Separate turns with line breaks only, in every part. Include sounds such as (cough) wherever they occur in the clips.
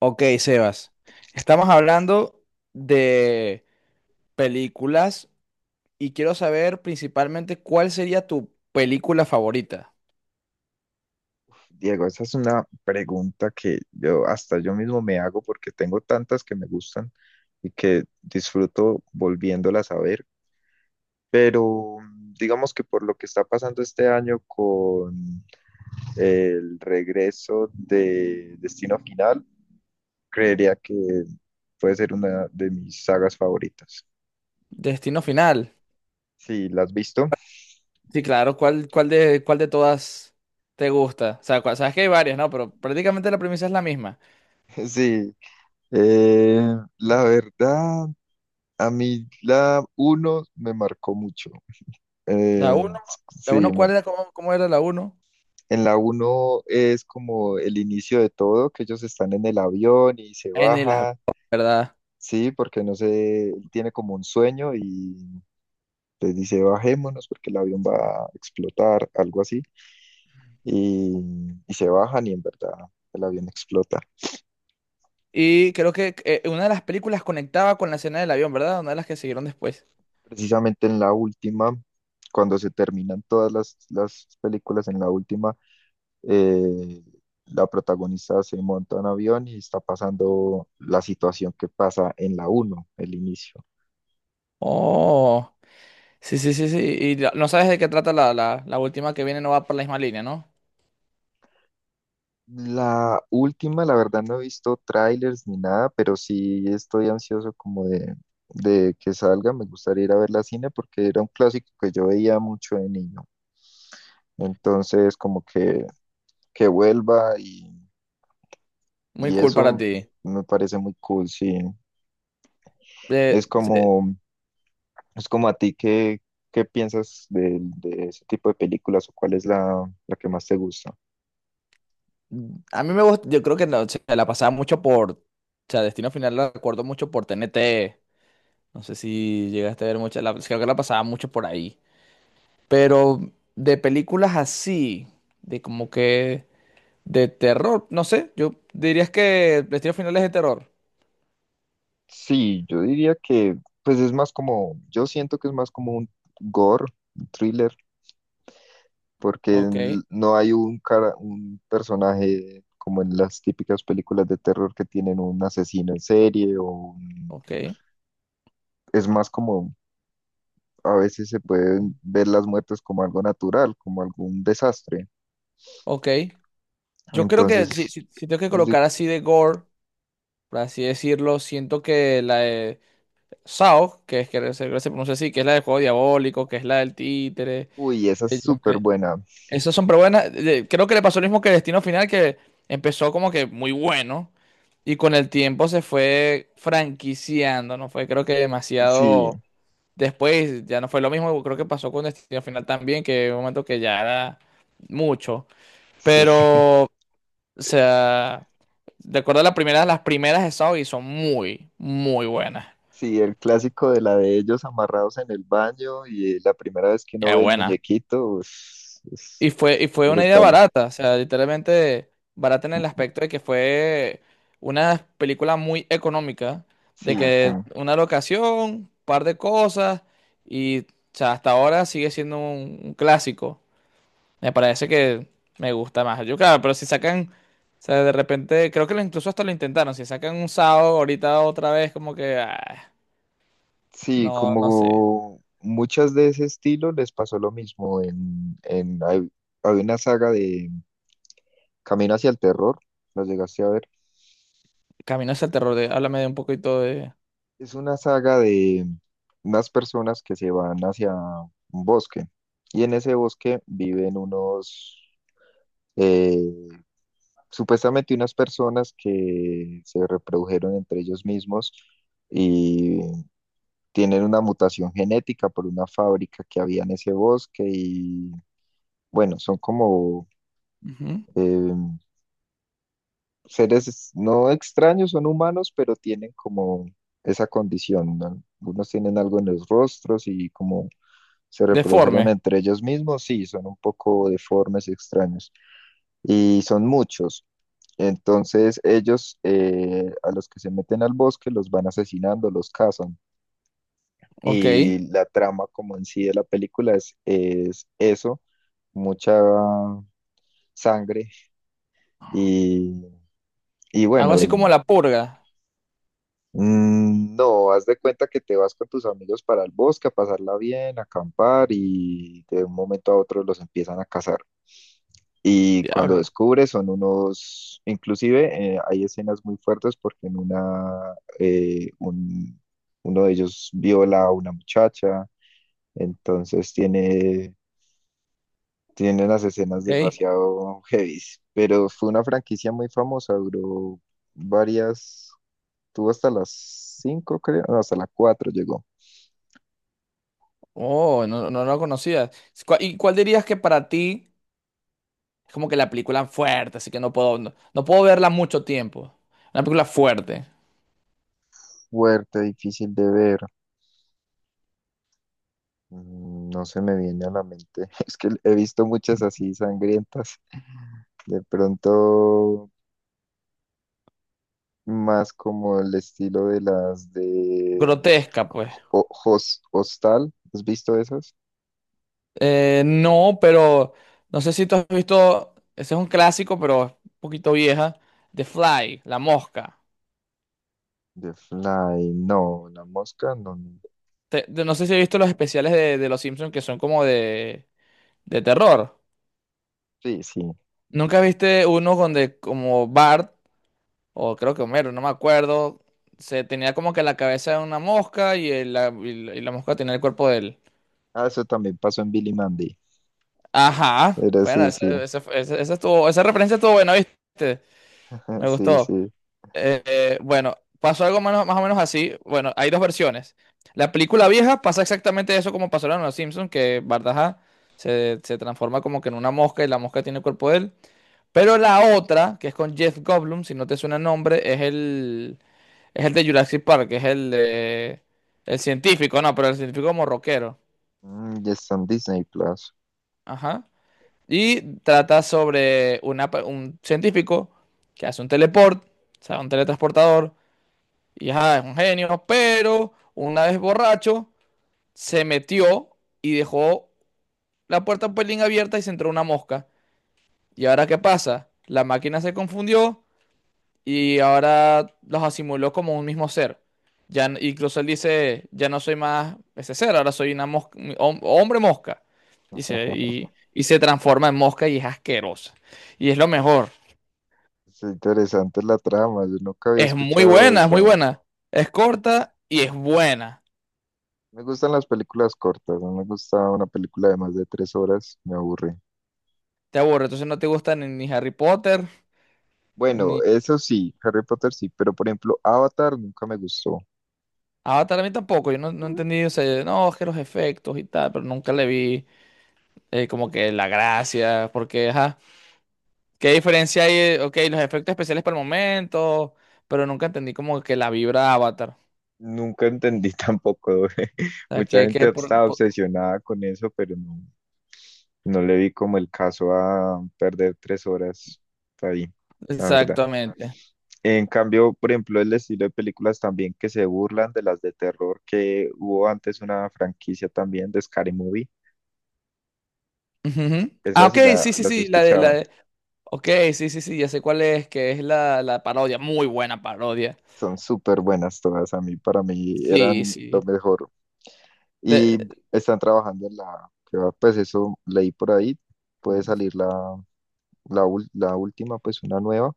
Ok, Sebas, estamos hablando de películas y quiero saber principalmente cuál sería tu película favorita.
Diego, esa es una pregunta que yo hasta yo mismo me hago porque tengo tantas que me gustan y que disfruto volviéndolas a ver, pero digamos que por lo que está pasando este año con el regreso de Destino Final, creería que puede ser una de mis sagas favoritas.
Destino Final.
Sí, ¿la has visto?
Sí, claro, ¿cuál de todas te gusta? O sea, cua- sabes que hay varias, ¿no? Pero prácticamente la premisa es la misma.
(laughs) Sí, eh, la verdad, a mí la uno me marcó mucho. Eh,
La uno, la
sí.
uno, ¿cuál era? ¿Cómo era la uno?
En la uno es como el inicio de todo, que ellos están en el avión y se
En el avión,
baja,
¿verdad?
sí, porque no sé, él tiene como un sueño y les dice bajémonos porque el avión va a explotar, algo así, y, y se bajan y en verdad el avión explota.
Y creo que una de las películas conectaba con la escena del avión, ¿verdad? Una de las que siguieron después.
Precisamente en la última, cuando se terminan todas las películas, en la última, eh, la protagonista se monta en avión y está pasando la situación que pasa en la uno, el inicio.
Oh. Sí. Y la- no sabes de qué trata la última que viene, no va por la misma línea, ¿no?
La última, la verdad, no he visto trailers ni nada, pero sí estoy ansioso como de que salga. Me gustaría ir a ver la cine porque era un clásico que yo veía mucho de niño. Entonces, como que vuelva
Muy
y
cool para
eso
ti.
me parece muy cool, sí. Es
Se-
como, es como a ti, ¿qué, qué piensas de ese tipo de películas o cuál es la que más te gusta?
a mí me gusta, yo creo que no, se la pasaba mucho por, o sea, Destino Final la recuerdo mucho por TNT. No sé si llegaste a ver mucho, la, creo que la pasaba mucho por ahí. Pero de películas así, de como que de terror, no sé, yo dirías que Destino Final es de terror.
Sí, yo diría que, pues es más como, yo siento que es más como un gore, un thriller, porque
Ok,
no hay un cara, un personaje como en las típicas películas de terror que tienen un asesino en serie o un-
ok.
es más como a veces se pueden ver las muertes como algo natural, como algún desastre.
Ok, yo creo
Entonces,
que si tengo que
es de-
colocar así de gore, por así decirlo, siento que la de Saw, que es que se pronuncia así, que es la del juego diabólico, que es la del títere,
uy, esa es
de John
súper
Cre-
buena.
Esas son, pero buenas. Creo que le pasó lo mismo que Destino Final, que empezó como que muy bueno y con el tiempo se fue franquiciando, ¿no? Fue creo que
Sí,
demasiado. Después ya no fue lo mismo, creo que pasó con Destino Final también, que hubo un momento que ya era mucho.
sí.
Pero o sea, de acuerdo a la primera, las primeras de Saudi son muy, muy buenas.
Sí, el clásico de la de ellos amarrados en el baño y la primera vez que uno
Qué
ve el
buena.
muñequito es
Y fue una idea
brutal.
barata, o sea, literalmente barata en el aspecto de que fue una película muy económica, de
Sí,
que una locación, un par de cosas, y o sea, hasta ahora sigue siendo un clásico. Me parece que me gusta más. Yo, claro, pero si sacan, o sea, de repente, creo que lo- incluso hasta lo intentaron, si sacan un sábado ahorita otra vez, como que... ah.
sí,
No, no sé.
como muchas de ese estilo les pasó lo mismo en hay, hay una saga de Camino hacia el terror, ¿lo llegaste a ver?
Camino hacia el terror. De- háblame de un poquito de.
Es una saga de unas personas que se van hacia un bosque y en ese bosque viven unos eh, supuestamente unas personas que se reprodujeron entre ellos mismos y tienen una mutación genética por una fábrica que había en ese bosque y bueno, son como
Ujú.
eh, seres no extraños, son humanos, pero tienen como esa condición, ¿no? Algunos tienen algo en los rostros y como se reprodujeron
Deforme.
entre ellos mismos, sí, son un poco deformes y extraños. Y son muchos. Entonces ellos a los que se meten al bosque los van asesinando, los cazan.
Ok.
Y la trama como en sí de la película es eso, mucha sangre y, y
Algo
bueno,
así como
el,
La Purga.
no, haz de cuenta que te vas con tus amigos para el bosque a pasarla bien, a acampar y de un momento a otro los empiezan a cazar. Y cuando
Diablo.
descubre son unos, inclusive hay escenas muy fuertes porque en una, uno de ellos viola a una muchacha, entonces tiene, tiene las escenas
Ok.
demasiado heavy, pero fue una franquicia muy famosa, duró varias, tuvo hasta las cinco creo, no, hasta las cuatro llegó.
Oh, no lo conocía. ¿Cuál- ¿Y cuál dirías que para ti es como que la película fuerte, así que no puedo, no, no puedo verla mucho tiempo? Una película fuerte.
Fuerte, difícil de ver. No se me viene a la mente, (laughs) es que he visto muchas así sangrientas. De pronto más como el estilo de las de
Grotesca, pues.
Hostal. ¿Has visto esas?
No, pero no sé si tú has visto. Ese es un clásico, pero es un poquito vieja. The Fly, La Mosca.
The Fly, no, la mosca, no. No.
Te- de- no sé si has visto los especiales de Los Simpsons que son como de terror.
Sí, sí.
¿Nunca viste uno donde como Bart, o creo que Homero, no me acuerdo, se tenía como que la cabeza de una mosca y, el- la, y la- y la mosca tenía el cuerpo de él?
Ah, eso también pasó en Billy Mandy.
Ajá.
Pero
Bueno,
sí, sí,
esa estuvo, esa referencia estuvo buena, ¿viste?
(laughs)
Me
sí,
gustó.
sí.
Bueno, pasó algo menos- más o menos así. Bueno, hay dos versiones. La película vieja pasa exactamente eso como pasó en Los Simpsons, que Bardaja se transforma como que en una mosca y la mosca tiene el cuerpo de él. Pero la otra, que es con Jeff Goldblum, si no te suena el nombre, es el de Jurassic Park, que es el de... El científico, no, pero el científico como rockero.
Y está en Disney Plus.
Ajá. Y trata sobre una pe- un científico que hace un teleport, o sea, un teletransportador. Y ajá, es un genio, pero una vez borracho se metió y dejó la puerta un pelín abierta y se entró una mosca. ¿Y ahora qué pasa? La máquina se confundió y ahora los asimiló como un mismo ser. Ya, n- incluso él dice, ya no soy más ese ser, ahora soy una mosca, hom- hombre mosca. Dice, y se transforma en mosca y es asquerosa. Y es lo mejor.
Es interesante la trama, yo nunca había
Es muy
escuchado
buena, es
esa.
muy buena. Es corta y es buena.
Me gustan las películas cortas, no me gusta una película de más de 3 horas, me aburre.
Te aburre, entonces no te gusta ni Harry Potter,
Bueno,
ni
eso sí, Harry Potter sí, pero por ejemplo, Avatar nunca me gustó.
Avatar a mí tampoco, yo no, no entendí, o sea, yo, no, es que los efectos y tal, pero nunca le vi como que la gracia, porque, ajá, ¿qué diferencia hay? Ok, los efectos especiales para el momento, pero nunca entendí como que la vibra Avatar,
Nunca entendí tampoco. (laughs)
o sea,
Mucha gente
que
estaba
por-
obsesionada con eso, pero no, no le vi como el caso a perder 3 horas ahí, la verdad.
exactamente.
En cambio, por ejemplo, el estilo de películas también que se burlan de las de terror, que hubo antes una franquicia también de Scary Movie,
Ujú. Ah,
esas sí las he
la
escuchado.
de, ok, sí, ya sé cuál es, que es la parodia, muy buena parodia,
Son súper buenas todas, a mí, para mí
sí,
eran lo
sí,
mejor. Y
de...
están trabajando en la, que va, pues eso leí por ahí, puede salir la la última, pues una nueva,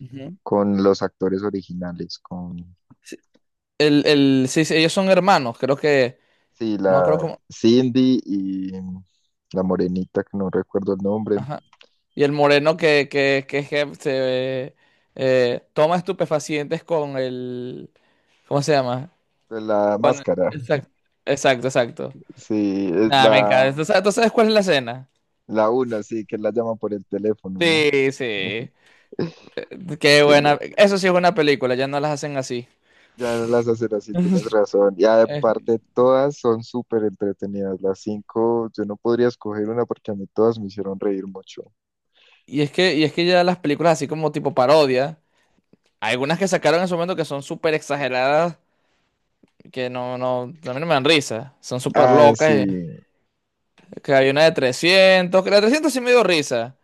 ujú.
con los actores originales, con,
Sí, sí, ellos son hermanos, creo que,
sí,
no me acuerdo
la
cómo,
Cindy y la morenita, que no recuerdo el nombre,
ajá. Y el moreno es que se toma estupefacientes con el, ¿cómo se llama?
pues la
Con,
máscara,
exacto, exacto.
(laughs) sí, es
Nada, me
la,
encanta. ¿Tú sabes cuál es la escena?
la una, sí, que la llama por el teléfono, ¿no?
Sí, sí. Qué
Que le-
buena. Eso sí es buena película, ya no las hacen así.
ya no las hacen así, tienes
(laughs)
razón. Y
Eh,
aparte, todas son súper entretenidas, las cinco, yo no podría escoger una porque a mí todas me hicieron reír mucho.
y es que, y es que ya las películas así como tipo parodia, hay algunas que sacaron en su momento que son súper exageradas que no, no, a mí no me dan risa. Son súper
Ah,
locas. Y-
sí,
Que hay una de 300, que la de 300 sí me dio risa,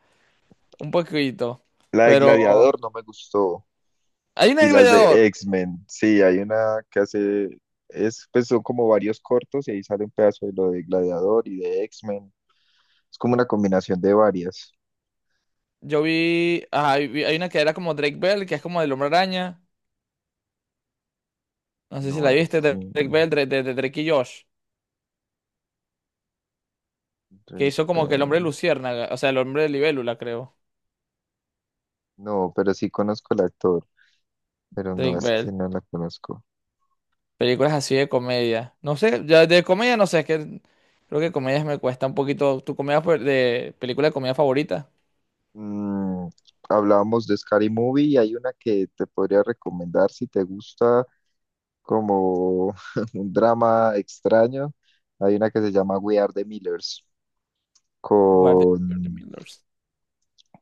un poquito.
la de
Pero
Gladiador no me gustó.
hay una
Y
de
las de
Gladiador.
X-Men, sí, hay una que hace, es, pues son como varios cortos y ahí sale un pedazo de lo de Gladiador y de X-Men. Es como una combinación de varias.
Yo vi, ajá, vi- hay una que era como Drake Bell, que es como del Hombre Araña. No sé si
No
la
es,
viste, de
sí,
Drake Bell, de Drake y Josh. Que
Drake
hizo como que el hombre
Bell.
luciérnaga, o sea, el hombre de libélula, creo.
No, pero sí conozco al actor, pero no,
Drake
esa
Bell.
sí no la conozco.
Películas así de comedia. No sé, ya de comedia no sé, es que creo que comedias me cuesta un poquito. ¿Tu comedia fa- de película de comedia favorita?
Mm, hablábamos de Scary Movie y hay una que te podría recomendar si te gusta como (laughs) un drama extraño. Hay una que se llama We Are the Millers
Guardian.
con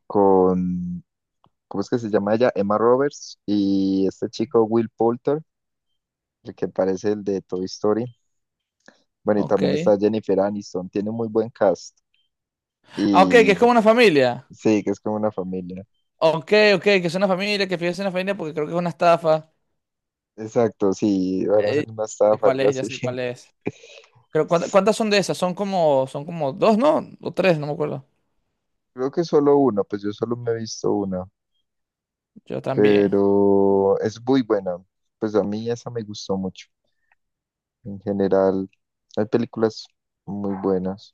con, ¿cómo es que se llama ella? Emma Roberts y este chico Will Poulter, el que parece el de Toy Story. Bueno, y
Ok.
también está Jennifer Aniston, tiene un muy buen cast.
Ah, ok, que
Y
es como una familia.
sí, que es como una familia.
Ok, ok, que es una familia, que fíjese una familia porque creo que es una estafa.
Exacto, sí, van a hacer
Eh,
una estafa,
¿Cuál
algo
es? Ya
así.
sé cuál es. Creo, ¿cuánta-
(laughs)
¿cuántas son de esas? Son como dos, ¿no? O tres, no me acuerdo.
Creo que solo uno, pues yo solo me he visto una,
Yo también.
pero es muy buena. Pues a mí esa me gustó mucho. En general, hay películas muy buenas.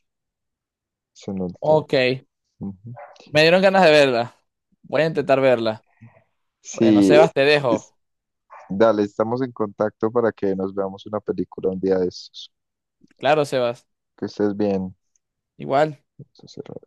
Son ultra-
Ok.
ujú.
Me dieron ganas de verla. Voy a intentar verla. Bueno,
Sí,
Sebas, te dejo.
dale, estamos en contacto para que nos veamos una película un día de estos.
Claro, Sebas.
Que estés bien.
Igual.
Entonces,